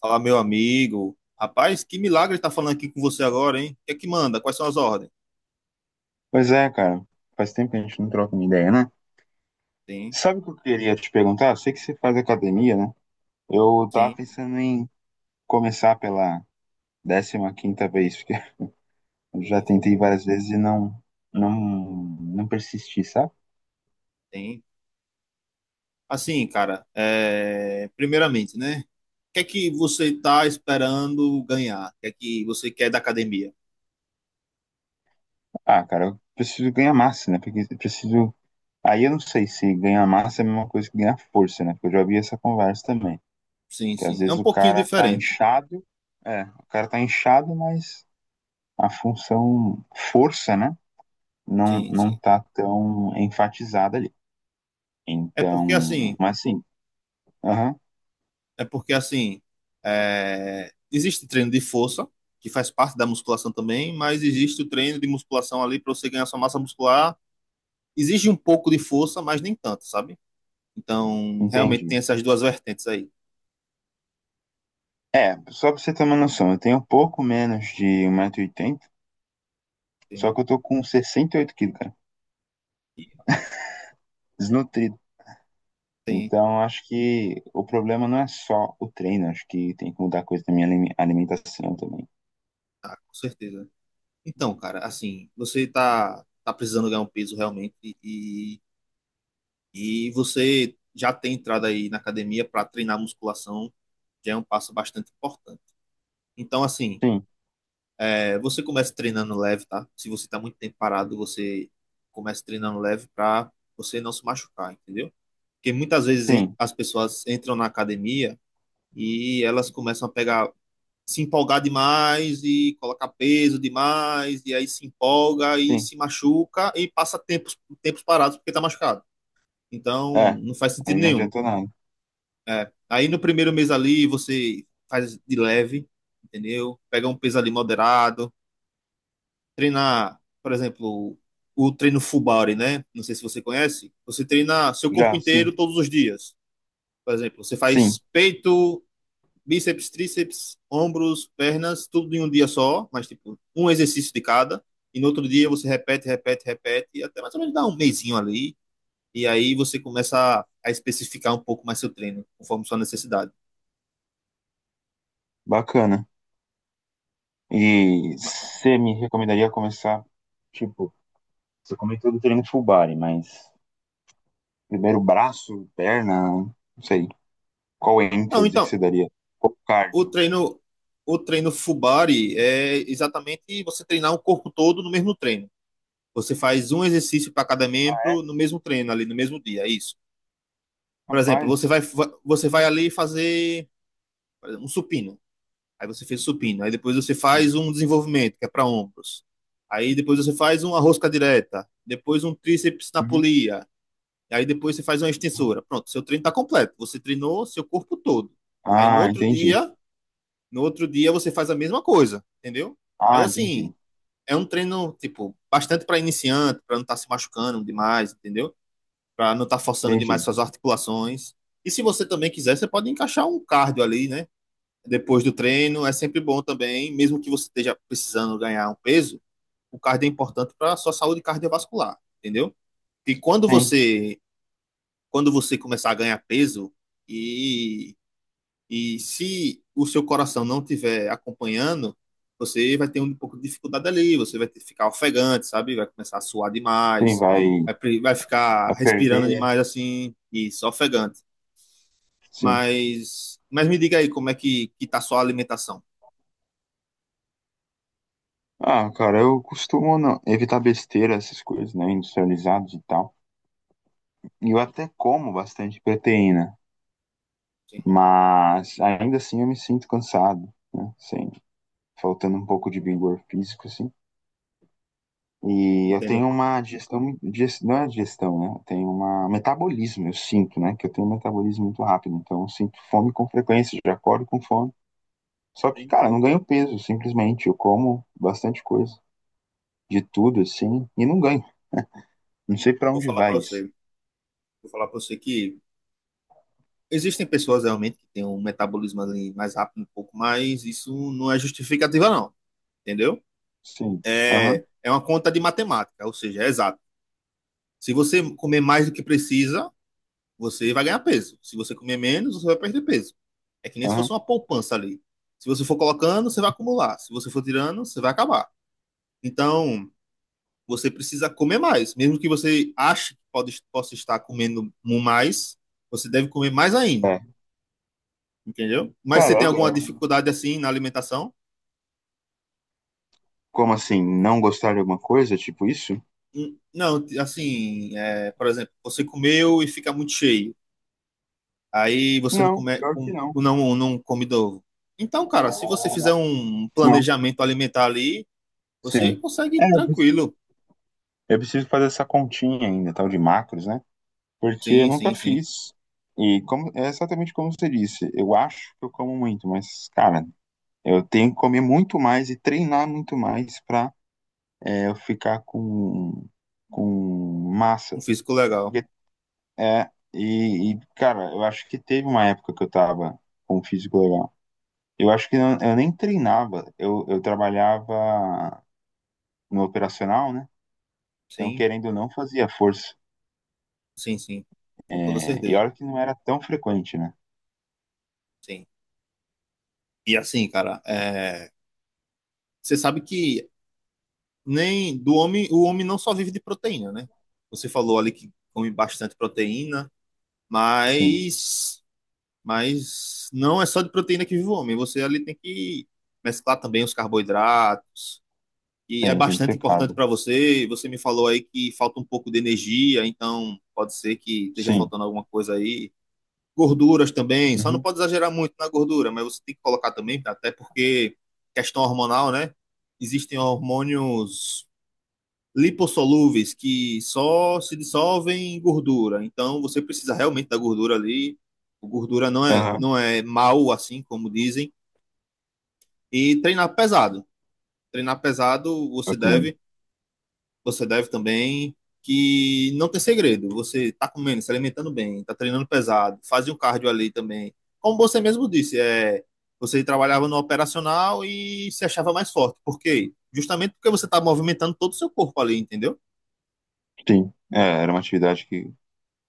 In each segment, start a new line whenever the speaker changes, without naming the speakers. Fala, meu amigo. Rapaz, que milagre tá falando aqui com você agora, hein? O que é que manda? Quais são as ordens?
Pois é, cara. Faz tempo que a gente não troca uma ideia, né?
Tem,
Sabe o que eu queria te perguntar? Eu sei que você faz academia, né? Eu tava
tem,
pensando em começar pela 15ª vez, porque eu já
tem, tem.
tentei várias vezes e não, não persisti, sabe?
Tem. Assim, cara, é, primeiramente, né? O que é que você tá esperando ganhar? O que é que você quer da academia?
Ah, cara, eu preciso ganhar massa, né? Porque eu preciso... Aí eu não sei se ganhar massa é a mesma coisa que ganhar força, né? Porque eu já vi essa conversa também.
Sim,
Que às
sim. É um
vezes o
pouquinho
cara tá
diferente.
inchado, o cara tá inchado, mas a função força, né?
Sim,
Não
sim.
tá tão enfatizada ali.
É porque
Então,
assim,
mas sim, aham,
é porque assim, é, existe treino de força, que faz parte da musculação também, mas existe o treino de musculação ali para você ganhar sua massa muscular, exige um pouco de força, mas nem tanto, sabe? Então, realmente
entendi.
tem essas duas vertentes aí.
É, só pra você ter uma noção, eu tenho um pouco menos de 1,80 m, só
Tem,
que eu tô com 68 quilos, cara,
e
desnutrido.
tem,
Então, acho que o problema não é só o treino, acho que tem que mudar coisa da minha alimentação também.
tá, com certeza. Então, cara, assim, você tá precisando ganhar um peso realmente e, e você já tem entrado aí na academia para treinar musculação, já é um passo bastante importante. Então, assim,
Sim,
é, você começa treinando leve, tá? Se você tá muito tempo parado, você começa treinando leve para você não se machucar, entendeu? Porque muitas vezes
sim,
as pessoas entram na academia e elas começam a pegar, se empolgar demais e colocar peso demais, e aí se empolga e
sim.
se machuca e passa tempos, tempos parados porque está machucado. Então,
É,
não faz
aí
sentido
não
nenhum.
adiantou nada.
É. Aí no primeiro mês ali você faz de leve, entendeu? Pega um peso ali moderado, treinar, por exemplo, o treino full body, né? Não sei se você conhece. Você treina seu corpo
Já, sim,
inteiro todos os dias. Por exemplo, você
sim,
faz peito, bíceps, tríceps, ombros, pernas, tudo em um dia só, mas tipo, um exercício de cada. E no outro dia você repete, repete, repete, e até mais ou menos dá um mesinho ali. E aí você começa a especificar um pouco mais seu treino, conforme sua necessidade.
bacana. E você me recomendaria começar, tipo, você comentou do treino full body, mas primeiro braço, perna, não sei. Qual
Não,
ênfase que
então,
você daria? Qual
o
cardio?
treino, o treino Fubari é exatamente você treinar o corpo todo no mesmo treino. Você faz um exercício para cada
Ah,
membro
é?
no mesmo treino ali, no mesmo dia, é isso. Por exemplo,
Rapaz,
você vai ali fazer um supino. Aí você fez supino. Aí depois você
sim.
faz um desenvolvimento, que é para ombros. Aí depois você faz uma rosca direta. Depois um tríceps na
Uhum.
polia. Aí depois você faz uma extensora. Pronto, seu treino está completo. Você treinou seu corpo todo. Aí no
Ah,
outro
entendi.
dia, no outro dia você faz a mesma coisa, entendeu? Mas
Ah, entendi.
assim, é um treino, tipo, bastante para iniciante, para não estar tá se machucando demais, entendeu? Para não estar tá forçando demais
Entendi.
suas articulações. E se você também quiser, você pode encaixar um cardio ali, né? Depois do treino é sempre bom também, mesmo que você esteja precisando ganhar um peso, o cardio é importante para a sua saúde cardiovascular, entendeu? E quando
Sim,
você quando você começar a ganhar peso e, e se o seu coração não estiver acompanhando, você vai ter um pouco de dificuldade ali, você vai ter, ficar ofegante, sabe? Vai começar a suar
sim,
demais, vai, vai ficar
vai perder,
respirando
né?
demais assim, e só ofegante.
Sim.
Mas me diga aí como é que tá a sua alimentação.
Ah, cara, eu costumo evitar besteira, essas coisas, né, industrializados e tal. E eu até como bastante proteína,
Sim,
mas ainda assim eu me sinto cansado, né, assim, faltando um pouco de vigor físico, assim. E eu
entendo.
tenho uma não é digestão, né? Eu tenho uma um metabolismo, eu sinto, né? Que eu tenho um metabolismo muito rápido, então eu sinto fome com frequência, já acordo com fome. Só que,
Tem-
cara, eu não ganho peso, simplesmente. Eu como bastante coisa, de tudo, assim, e não ganho. Não sei pra
Vou
onde
falar para
vai isso.
você, vou falar para você que existem pessoas realmente que têm um metabolismo ali mais rápido um pouco, mas isso não é justificativa não, entendeu?
Sim. Aham,
É, é uma conta de matemática, ou seja, é exato. Se você comer mais do que precisa, você vai ganhar peso. Se você comer menos, você vai perder peso. É que nem se fosse
aham.
uma poupança ali. Se você for colocando, você vai acumular. Se você for tirando, você vai acabar. Então, você precisa comer mais, mesmo que você ache que pode, possa estar comendo mais, você deve comer mais ainda.
É.
Entendeu? Mas você
Cara,
tem alguma
é.
dificuldade assim na alimentação?
Como assim? Não gostar de alguma coisa, tipo isso?
Não, assim, é, por exemplo, você comeu e fica muito cheio. Aí você não
Não,
come,
pior que não.
não, não come novo. Então, cara, se você fizer um
Não.
planejamento alimentar ali, você
Sim.
consegue
É,
tranquilo.
eu preciso fazer essa continha ainda, tal de macros, né? Porque eu
Sim,
nunca
sim, sim.
fiz. E como, é exatamente como você disse. Eu acho que eu como muito, mas, cara, eu tenho que comer muito mais e treinar muito mais pra eu ficar com
Um
massa.
físico legal.
Porque, é, e, cara, eu acho que teve uma época que eu tava com um físico legal. Eu acho que eu nem treinava. Eu trabalhava no operacional, né? Então,
Sim,
querendo ou não, fazia força.
sim, sim. Com toda
É, e
certeza.
olha que não era tão frequente, né?
Sim. E assim, cara, é, você sabe que nem do homem, o homem não só vive de proteína, né? Você falou ali que come bastante proteína.
Sim,
Mas, mas não é só de proteína que vive o homem. Você ali tem que mesclar também os carboidratos. E é
tem, que
bastante
ter
importante
carbo.
para você. Você me falou aí que falta um pouco de energia, então pode ser que esteja
Sim.
faltando alguma coisa aí. Gorduras também, só não
Uhum.
pode exagerar muito na gordura, mas você tem que colocar também, até porque questão hormonal, né? Existem hormônios lipossolúveis que só se dissolvem em gordura. Então você precisa realmente da gordura ali. O gordura não é
Aham,
não é mal assim como dizem, e treinar pesado. Treinar pesado
bacana.
você deve também, que não tem segredo. Você está comendo, se alimentando bem, está treinando pesado, faz um cardio ali também. Como você mesmo disse, é, você trabalhava no operacional e se achava mais forte. Por quê? Justamente porque você está movimentando todo o seu corpo ali, entendeu?
Sim, é, era uma atividade que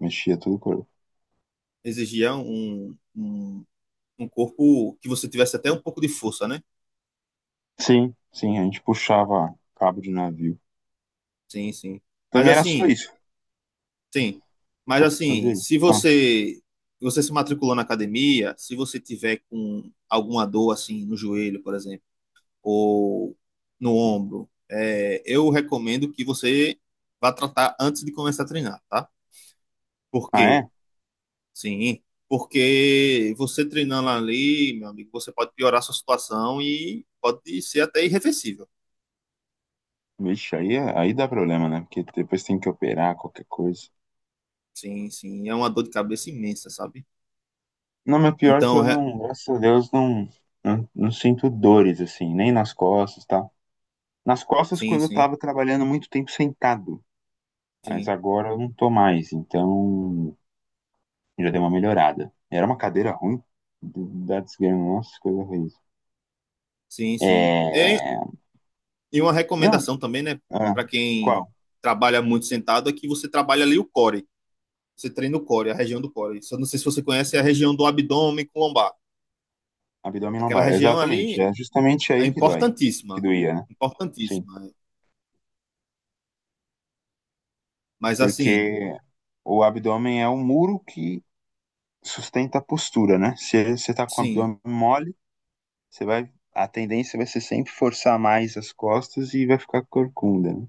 mexia todo o corpo.
Exigia um corpo que você tivesse até um pouco de força, né?
Sim, sim, a gente puxava cabo de navio.
Sim, sim. Mas
Também era só
assim,
isso,
sim. Mas
só
assim,
fazia isso.
se
Ah,
você você se matriculou na academia, se você tiver com alguma dor assim no joelho, por exemplo, ou no ombro, é, eu recomendo que você vá tratar antes de começar a treinar, tá? Por
ah,
quê?
é?
Sim, porque você treinando ali, meu amigo, você pode piorar a sua situação e pode ser até irreversível.
Vixe, aí dá problema, né? Porque depois tem que operar qualquer coisa.
Sim, sim. É uma dor de cabeça imensa, sabe?
Não, mas pior que
Então,
eu
re-
não, graças a Deus, não sinto dores, assim, nem nas costas, tá? Nas costas,
sim,
quando eu
sim,
tava trabalhando muito tempo sentado, mas
sim,
agora eu não tô mais, então já deu uma melhorada. Era uma cadeira ruim da desgrama, nossa, coisa ruim.
sim, sim.
É...
E uma
Não,
recomendação também, né,
ah,
para quem
qual?
trabalha muito sentado, é que você trabalha ali o core. Você treina o core, a região do core. Só não sei se você conhece é a região do abdômen com lombar.
Abdômen
Aquela
lombar,
região
exatamente.
ali
É justamente
é
aí que dói, que
importantíssima,
doía, né? Sim.
importantíssima. Mas assim,
Porque o abdômen é um muro que sustenta a postura, né? Se você tá com o
sim.
abdômen mole, a tendência vai ser sempre forçar mais as costas e vai ficar corcunda, né?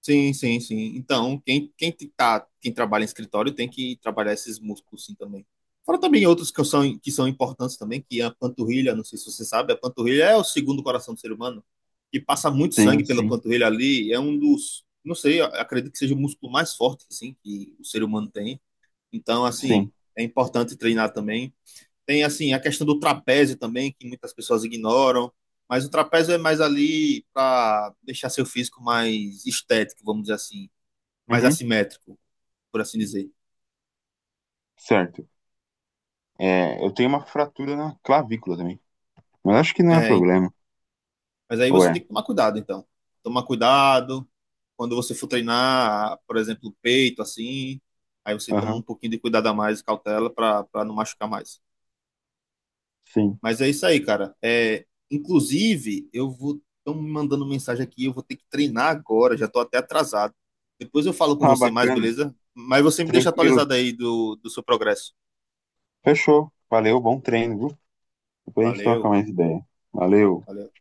Sim, sim, sim. Então, quem trabalha em escritório tem que trabalhar esses músculos sim também. Fora também outros que são importantes também, que é a panturrilha, não sei se você sabe, a panturrilha é o segundo coração do ser humano, que passa muito sangue
Sim,
pela
sim,
panturrilha ali, é um dos, não sei, eu acredito que seja o músculo mais forte, assim, que o ser humano tem. Então,
sim.
assim, é importante treinar também. Tem assim a questão do trapézio também, que muitas pessoas ignoram, mas o trapézio é mais ali para deixar seu físico mais estético, vamos dizer assim, mais
Uhum,
assimétrico, por assim dizer.
certo. É, eu tenho uma fratura na clavícula também, mas acho que não é
É,
problema.
mas aí você
Ué,
tem que tomar cuidado, então. Tomar cuidado quando você for treinar, por exemplo, peito, assim, aí você toma um
aham,
pouquinho de cuidado a mais, cautela, para não machucar mais.
sim.
Mas é isso aí, cara. É, inclusive, eu vou. Estão me mandando mensagem aqui, eu vou ter que treinar agora, já tô até atrasado. Depois eu falo com
Ah,
você mais,
bacana.
beleza? Mas você me deixa
Tranquilo.
atualizado aí do, do seu progresso.
Fechou. Valeu, bom treino, viu? Depois a gente troca
Valeu,
mais ideia. Valeu.
valeu.